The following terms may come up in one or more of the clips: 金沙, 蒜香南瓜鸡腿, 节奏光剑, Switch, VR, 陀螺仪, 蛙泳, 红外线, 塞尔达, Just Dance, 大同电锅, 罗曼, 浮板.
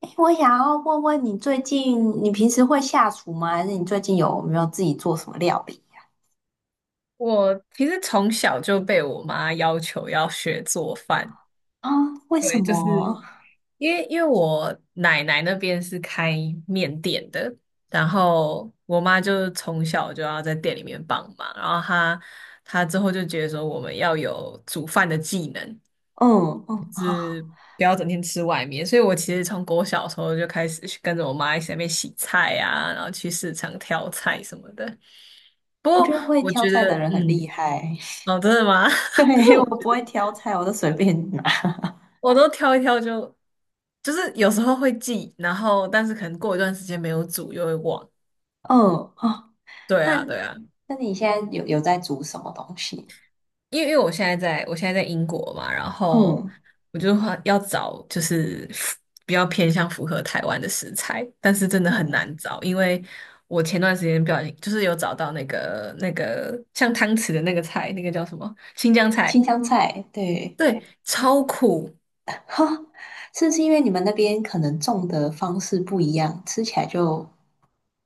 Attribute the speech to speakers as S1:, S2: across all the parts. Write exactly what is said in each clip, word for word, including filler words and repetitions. S1: 诶我想要问问你，最近你平时会下厨吗？还是你最近有没有自己做什么料理
S2: 我其实从小就被我妈要求要学做饭，
S1: 啊？为什
S2: 对，就是
S1: 么？
S2: 因为因为我奶奶那边是开面店的，然后我妈就从小就要在店里面帮忙，然后她她之后就觉得说我们要有煮饭的技能，
S1: 嗯嗯，好，
S2: 不要整天吃外面，所以我其实从我小时候就开始去跟着我妈一起在那边洗菜啊，然后去市场挑菜什么的。不
S1: 我
S2: 过
S1: 觉得会
S2: 我
S1: 挑
S2: 觉
S1: 菜
S2: 得，
S1: 的人很
S2: 嗯，
S1: 厉害。
S2: 哦，真的吗？但是
S1: 对，我
S2: 我
S1: 不会挑菜，我都随便拿。
S2: 我都挑一挑就，就是有时候会记，然后但是可能过一段时间没有煮又会忘。
S1: 嗯啊，
S2: 对
S1: 那
S2: 啊，对啊，
S1: 那你现在有有在煮什么东西？
S2: 因为因为我现在在我现在在英国嘛，然后
S1: 嗯
S2: 我就话要找就是符比较偏向符合台湾的食材，但是真的很
S1: 嗯，
S2: 难找，因为我前段时间不小心就是有找到那个那个像汤匙的那个菜，那个叫什么新疆菜，
S1: 新香菜，对，
S2: 对，超苦，
S1: 是不是因为你们那边可能种的方式不一样，吃起来就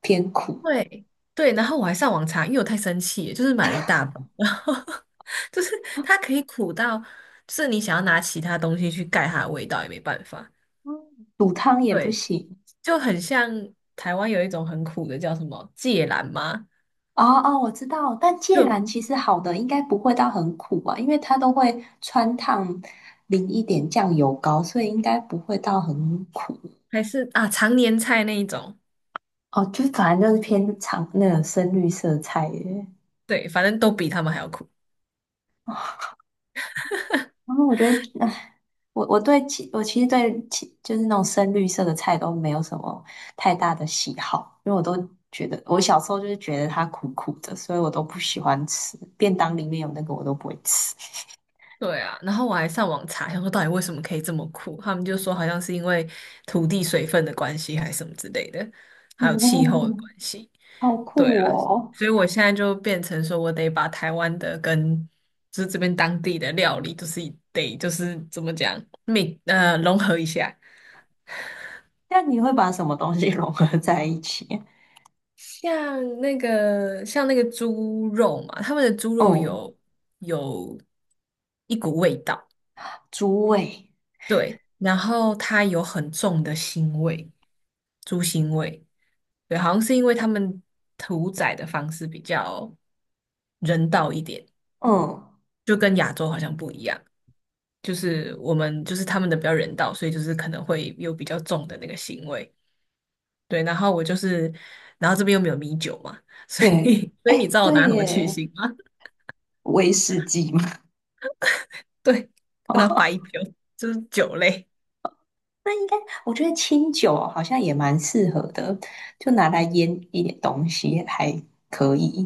S1: 偏苦？
S2: 对对，然后我还上网查，因为我太生气了就是买了一大包，然后 就是它可以苦到，就是你想要拿其他东西去盖它的味道也没办法。
S1: 嗯，煮汤也不
S2: 对，
S1: 行。
S2: 就很像台湾有一种很苦的叫什么芥蓝吗？
S1: 哦哦，我知道，但芥
S2: 就
S1: 蓝其实好的应该不会到很苦啊，因为它都会穿烫淋一点酱油膏，所以应该不会到很苦。
S2: 还是啊常年菜那一种，
S1: 哦，就是反正就是偏长那个深绿色菜耶。
S2: 对，反正都比他们还要苦。
S1: 然后我觉得，唉我我对其我其实对其就是那种深绿色的菜都没有什么太大的喜好，因为我都觉得我小时候就是觉得它苦苦的，所以我都不喜欢吃。便当里面有那个我都不会吃。
S2: 对啊，然后我还上网查，想说到底为什么可以这么苦，他们就说好像是因为土地水分的关系，还是什么之类的，还有气候的
S1: 哦，
S2: 关系。
S1: 好
S2: 对
S1: 酷
S2: 啊，
S1: 哦！
S2: 所以我现在就变成说，我得把台湾的跟就是这边当地的料理，就是得就是怎么讲，每呃融合一下。
S1: 那你会把什么东西 融合在一起？
S2: 像那个像那个猪肉嘛，他们的猪肉
S1: 嗯，
S2: 有有一股味道，
S1: 猪味。
S2: 对，然后它有很重的腥味，猪腥味，对，好像是因为他们屠宰的方式比较人道一点，
S1: 嗯，
S2: 就跟亚洲好像不一样。就是我们就是他们的比较人道，所以就是可能会有比较重的那个腥味。对，然后我就是，然后这边又没有米酒嘛，所以
S1: 对，
S2: 所以你
S1: 哎，
S2: 知道我
S1: 对
S2: 拿什么去
S1: 耶，
S2: 腥吗？
S1: 威士忌嘛。
S2: 对，我拿白 酒，就是酒类。
S1: 那应该，我觉得清酒好像也蛮适合的，就拿来腌一点东西还可以。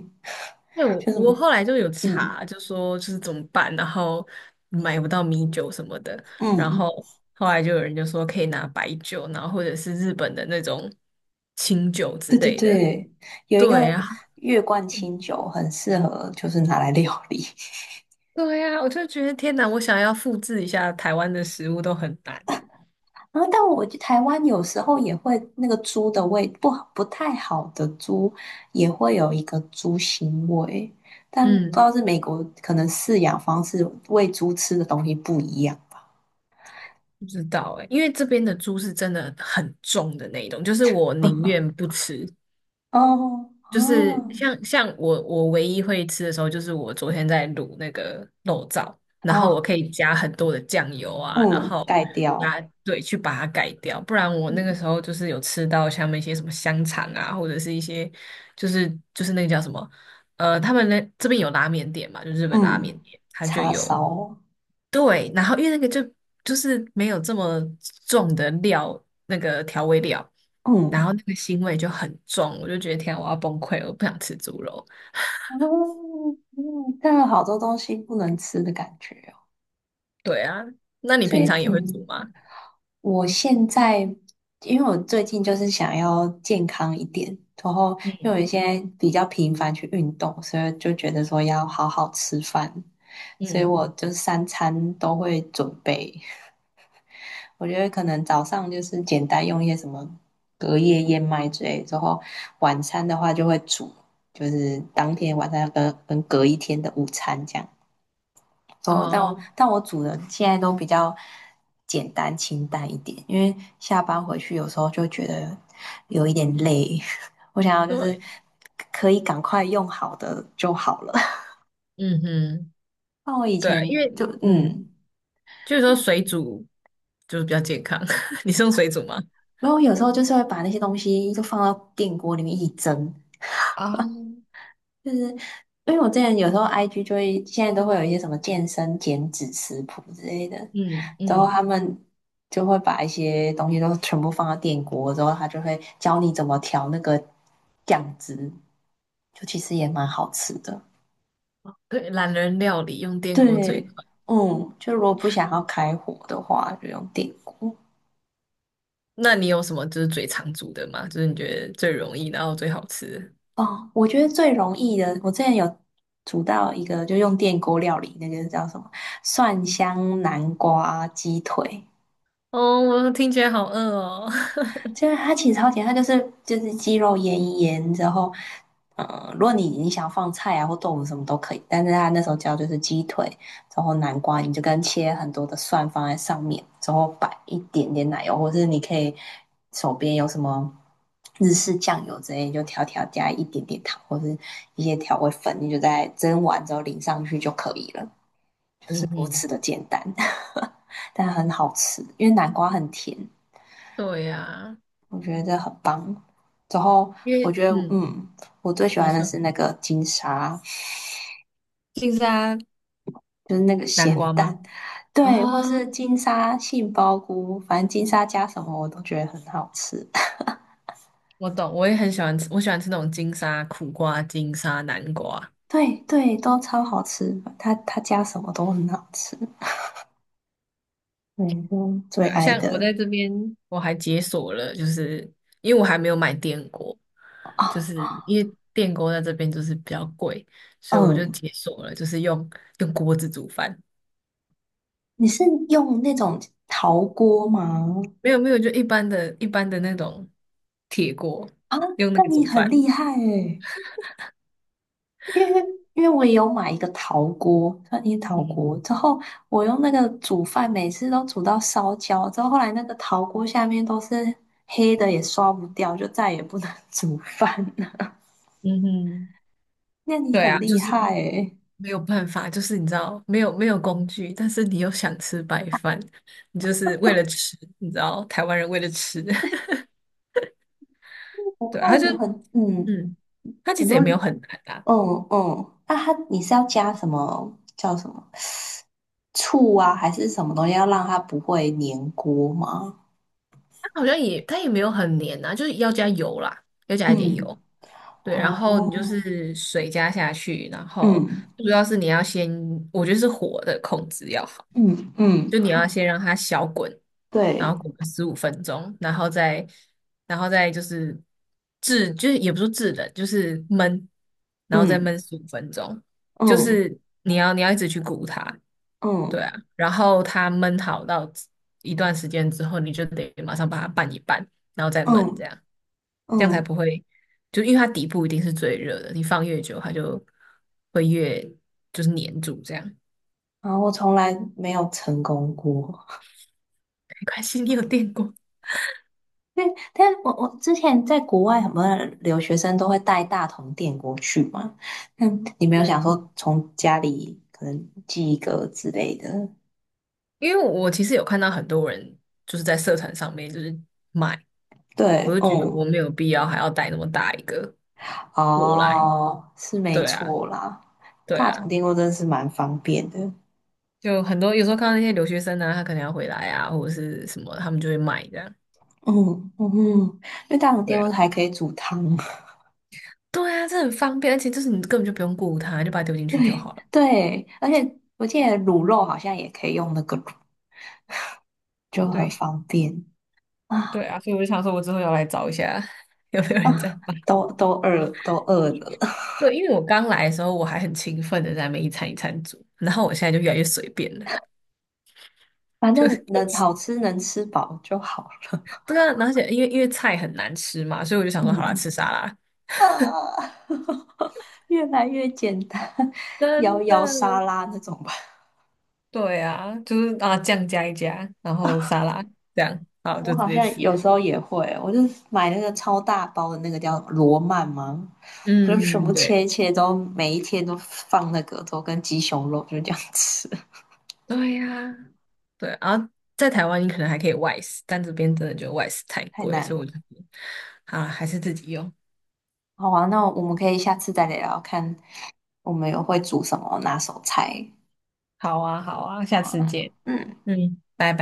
S2: 那我
S1: 就是
S2: 我后来就有
S1: 嗯
S2: 查，就说就是怎么办，然后买不到米酒什么的，然
S1: 嗯，
S2: 后后来就有人就说可以拿白酒，然后或者是日本的那种清酒之
S1: 对对
S2: 类的。
S1: 对，有一个
S2: 对啊，
S1: 月冠清酒很适合，就是拿来料理。
S2: 对呀，我就觉得天哪，我想要复制一下台湾的食物都很难。
S1: 然后，但我去台湾有时候也会那个猪的味不好，不太好的猪也会有一个猪腥味，但不知
S2: 嗯，
S1: 道是美国可能饲养方式喂猪吃的东西不一样。
S2: 不知道哎、因为这边的猪是真的很重的那一种，就是我宁愿不吃。
S1: 哦
S2: 就是
S1: 哦
S2: 像像我我唯一会吃的时候，就是我昨天在卤那个肉燥，然后我
S1: 哦，
S2: 可以加很多的酱油啊，然
S1: 嗯，
S2: 后
S1: 盖
S2: 加
S1: 掉，
S2: 对去把它改掉，不然我那个
S1: 嗯
S2: 时候就是有吃到像那些什么香肠啊，或者是一些就是就是那个叫什么呃，他们那这边有拉面店嘛，就日本拉面
S1: 嗯，
S2: 店，它就
S1: 叉
S2: 有
S1: 烧，
S2: 对，然后因为那个就就是没有这么重的料，那个调味料。然
S1: 嗯
S2: 后那个腥味就很重，我就觉得天啊，我要崩溃了，我不想吃猪肉。
S1: 嗯嗯，但有好多东西不能吃的感觉哦，
S2: 对啊，那你
S1: 所
S2: 平
S1: 以
S2: 常也会煮
S1: 嗯。
S2: 吗？
S1: 我现在，因为我最近就是想要健康一点，然后因
S2: 嗯
S1: 为我现在比较频繁去运动，所以就觉得说要好好吃饭，所以
S2: 嗯，
S1: 我就三餐都会准备。我觉得可能早上就是简单用一些什么隔夜燕麦之类，之后晚餐的话就会煮，就是当天晚上要跟跟隔一天的午餐这样。哦，但我
S2: 哦，
S1: 但我煮的现在都比较简单清淡一点，因为下班回去有时候就觉得有一点累，我想要就是
S2: 对，
S1: 可以赶快用好的就好了。
S2: 嗯哼，
S1: 那我以
S2: 对啊，因
S1: 前
S2: 为
S1: 就
S2: 嗯，
S1: 嗯，
S2: 就是说水煮就是比较健康。你是用水煮吗？
S1: 没有，有时候就是会把那些东西就放到电锅里面一起蒸，
S2: 啊，
S1: 就是因为我之前有时候 I G 就会现在都会有一些什么健身减脂食谱之类的，
S2: 嗯
S1: 然后
S2: 嗯，
S1: 他们就会把一些东西都全部放到电锅，之后他就会教你怎么调那个酱汁，就其实也蛮好吃的。
S2: 对，懒人料理用电锅最快。
S1: 对，嗯，就如果不想要开火的话，就用电锅。
S2: 那你有什么就是最常煮的吗？就是你觉得最容易，然后最好吃的
S1: 哦，我觉得最容易的，我之前有煮到一个，就用电锅料理，那个叫什么蒜香南瓜鸡腿，
S2: 哦，我听起来好饿哦。
S1: 就是它其实超甜，它就是就是鸡肉腌一腌，之后，嗯，如果你你想放菜啊或豆腐什么都可以，但是它那时候教就是鸡腿，然后南瓜，你就跟切很多的蒜放在上面，然后摆一点点奶油，或是你可以手边有什么日式酱油之类，你就调调加一点点糖或是一些调味粉，你就在蒸完之后淋上去就可以了，是
S2: 嗯
S1: 如
S2: 哼，
S1: 此的简单，但很好吃，因为南瓜很甜。
S2: 对呀、
S1: 我觉得这很棒。之后
S2: 因
S1: 我
S2: 为
S1: 觉得，
S2: 嗯，
S1: 嗯，我最喜
S2: 你
S1: 欢的
S2: 说。
S1: 是那个金沙，
S2: 金沙南
S1: 就是那个咸
S2: 瓜吗？
S1: 蛋，对，或
S2: 哦，
S1: 是金沙杏鲍菇，反正金沙加什么我都觉得很好吃。
S2: 我懂，我也很喜欢吃，我喜欢吃那种金沙苦瓜、金沙南瓜。
S1: 对对，都超好吃，它它加什么都很好吃。对，就最
S2: 对啊，
S1: 爱
S2: 像我
S1: 的
S2: 在这边，我还解锁了，就是因为我还没有买电锅，就是
S1: 啊，
S2: 因为电锅在这边就是比较贵，所以我就
S1: 嗯，
S2: 解锁了，就是用用锅子煮饭。
S1: 你是用那种陶锅吗？
S2: 没有没有，就一般的一般的那种铁锅，
S1: 啊，
S2: 用那
S1: 那
S2: 个
S1: 你
S2: 煮
S1: 很
S2: 饭。
S1: 厉害诶。因为因为我也有买一个陶锅，算一陶
S2: 嗯
S1: 锅，之后我用那个煮饭，每次都煮到烧焦，之后后来那个陶锅下面都是黑的，也刷不掉，就再也不能 煮饭了。
S2: 嗯哼，
S1: 那你
S2: 对
S1: 很
S2: 啊，就
S1: 厉
S2: 是。
S1: 害诶，
S2: 没有办法，就是你知道，没有没有工具，但是你又想吃白饭，你就是为了吃，你知道，台湾人为了吃，
S1: 我
S2: 对啊他
S1: 看
S2: 就
S1: 有很嗯
S2: 嗯，他其
S1: 很
S2: 实也
S1: 多
S2: 没有很难啊，
S1: 嗯嗯，那它你是要加什么叫什么醋啊，还是什么东西要让它不会粘锅吗？
S2: 他好像也他也没有很黏啊，就是要加油啦，要加一点
S1: 嗯，
S2: 油，对，然后你就
S1: 哦，
S2: 是水加下去，然后
S1: 嗯
S2: 主要是你要先，我觉得是火的控制要好。
S1: 嗯嗯，
S2: 就你要先让它小滚，然
S1: 对，
S2: 后滚个十五分钟，然后再然后再就是制，就是也不是制冷，就是焖，然后再
S1: 嗯。
S2: 焖十五分钟，就
S1: 嗯
S2: 是你要你要一直去鼓它，对
S1: 嗯
S2: 啊，然后它焖好到一段时间之后，你就得马上把它拌一拌，然后再焖这
S1: 嗯
S2: 样。这样才
S1: 嗯，
S2: 不会，就因为它底部一定是最热的，你放越久，它就会越就是粘住这样。
S1: 然后我从来没有成功过。
S2: 没关系，你有电过。
S1: 因为但我我之前在国外，很多留学生都会带大同电锅去嘛。那你没有想
S2: 嗯，
S1: 说从家里可能寄一个之类的？
S2: 因为我其实有看到很多人就是在社团上面就是买，我
S1: 对，
S2: 就觉得
S1: 嗯，
S2: 我没有必要还要带那么大一个 过来。
S1: 哦，是没
S2: 对啊，
S1: 错啦。
S2: 对
S1: 大
S2: 啊，
S1: 同电锅真的是蛮方便的。
S2: 就很多有时候看到那些留学生啊，他可能要回来啊，或者是什么，他们就会买这样。
S1: 嗯嗯，因为大同
S2: 对
S1: 电锅
S2: 啊，
S1: 还可以煮汤。
S2: 对啊，这很方便，而且就是你根本就不用顾他，就把它丢 进去就
S1: 对
S2: 好了。
S1: 对，而且我记得卤肉好像也可以用那个卤就很
S2: 对，
S1: 方便
S2: 对
S1: 啊，
S2: 啊，所以我就想说，我之后要来找一下 有没有人在买。
S1: 都都饿都饿了，
S2: 对，因为我刚来的时候，我还很勤奋的在那边一餐一餐煮，然后我现在就越来越随便了，
S1: 反
S2: 就
S1: 正能好 吃能吃饱就好了。
S2: 对啊，而且因为因为菜很难吃嘛，所以我就想说，好啦，
S1: 嗯，
S2: 吃沙拉。
S1: 啊，越来越简单，摇
S2: 真
S1: 摇沙
S2: 的，
S1: 拉那种吧。
S2: 对啊，就是啊，酱加一加，然后沙拉这样，好，
S1: 我
S2: 就直
S1: 好
S2: 接
S1: 像
S2: 吃。
S1: 有时候也会，我就买那个超大包的那个叫罗曼吗？我就全
S2: 嗯，
S1: 部
S2: 嗯，
S1: 切
S2: 对，
S1: 一切都，每一天都放那个，都跟鸡胸肉就这样吃，
S2: 对呀、对。然后在台湾，你可能还可以外食，但这边真的就外食太
S1: 太
S2: 贵，
S1: 难
S2: 所以我就，
S1: 了。
S2: 好啦还是自己用。
S1: 好啊，那我们可以下次再聊聊看，我们有会煮什么拿手菜。
S2: 好啊，好啊，下
S1: 哦，
S2: 次见。
S1: 嗯，
S2: 嗯，拜拜。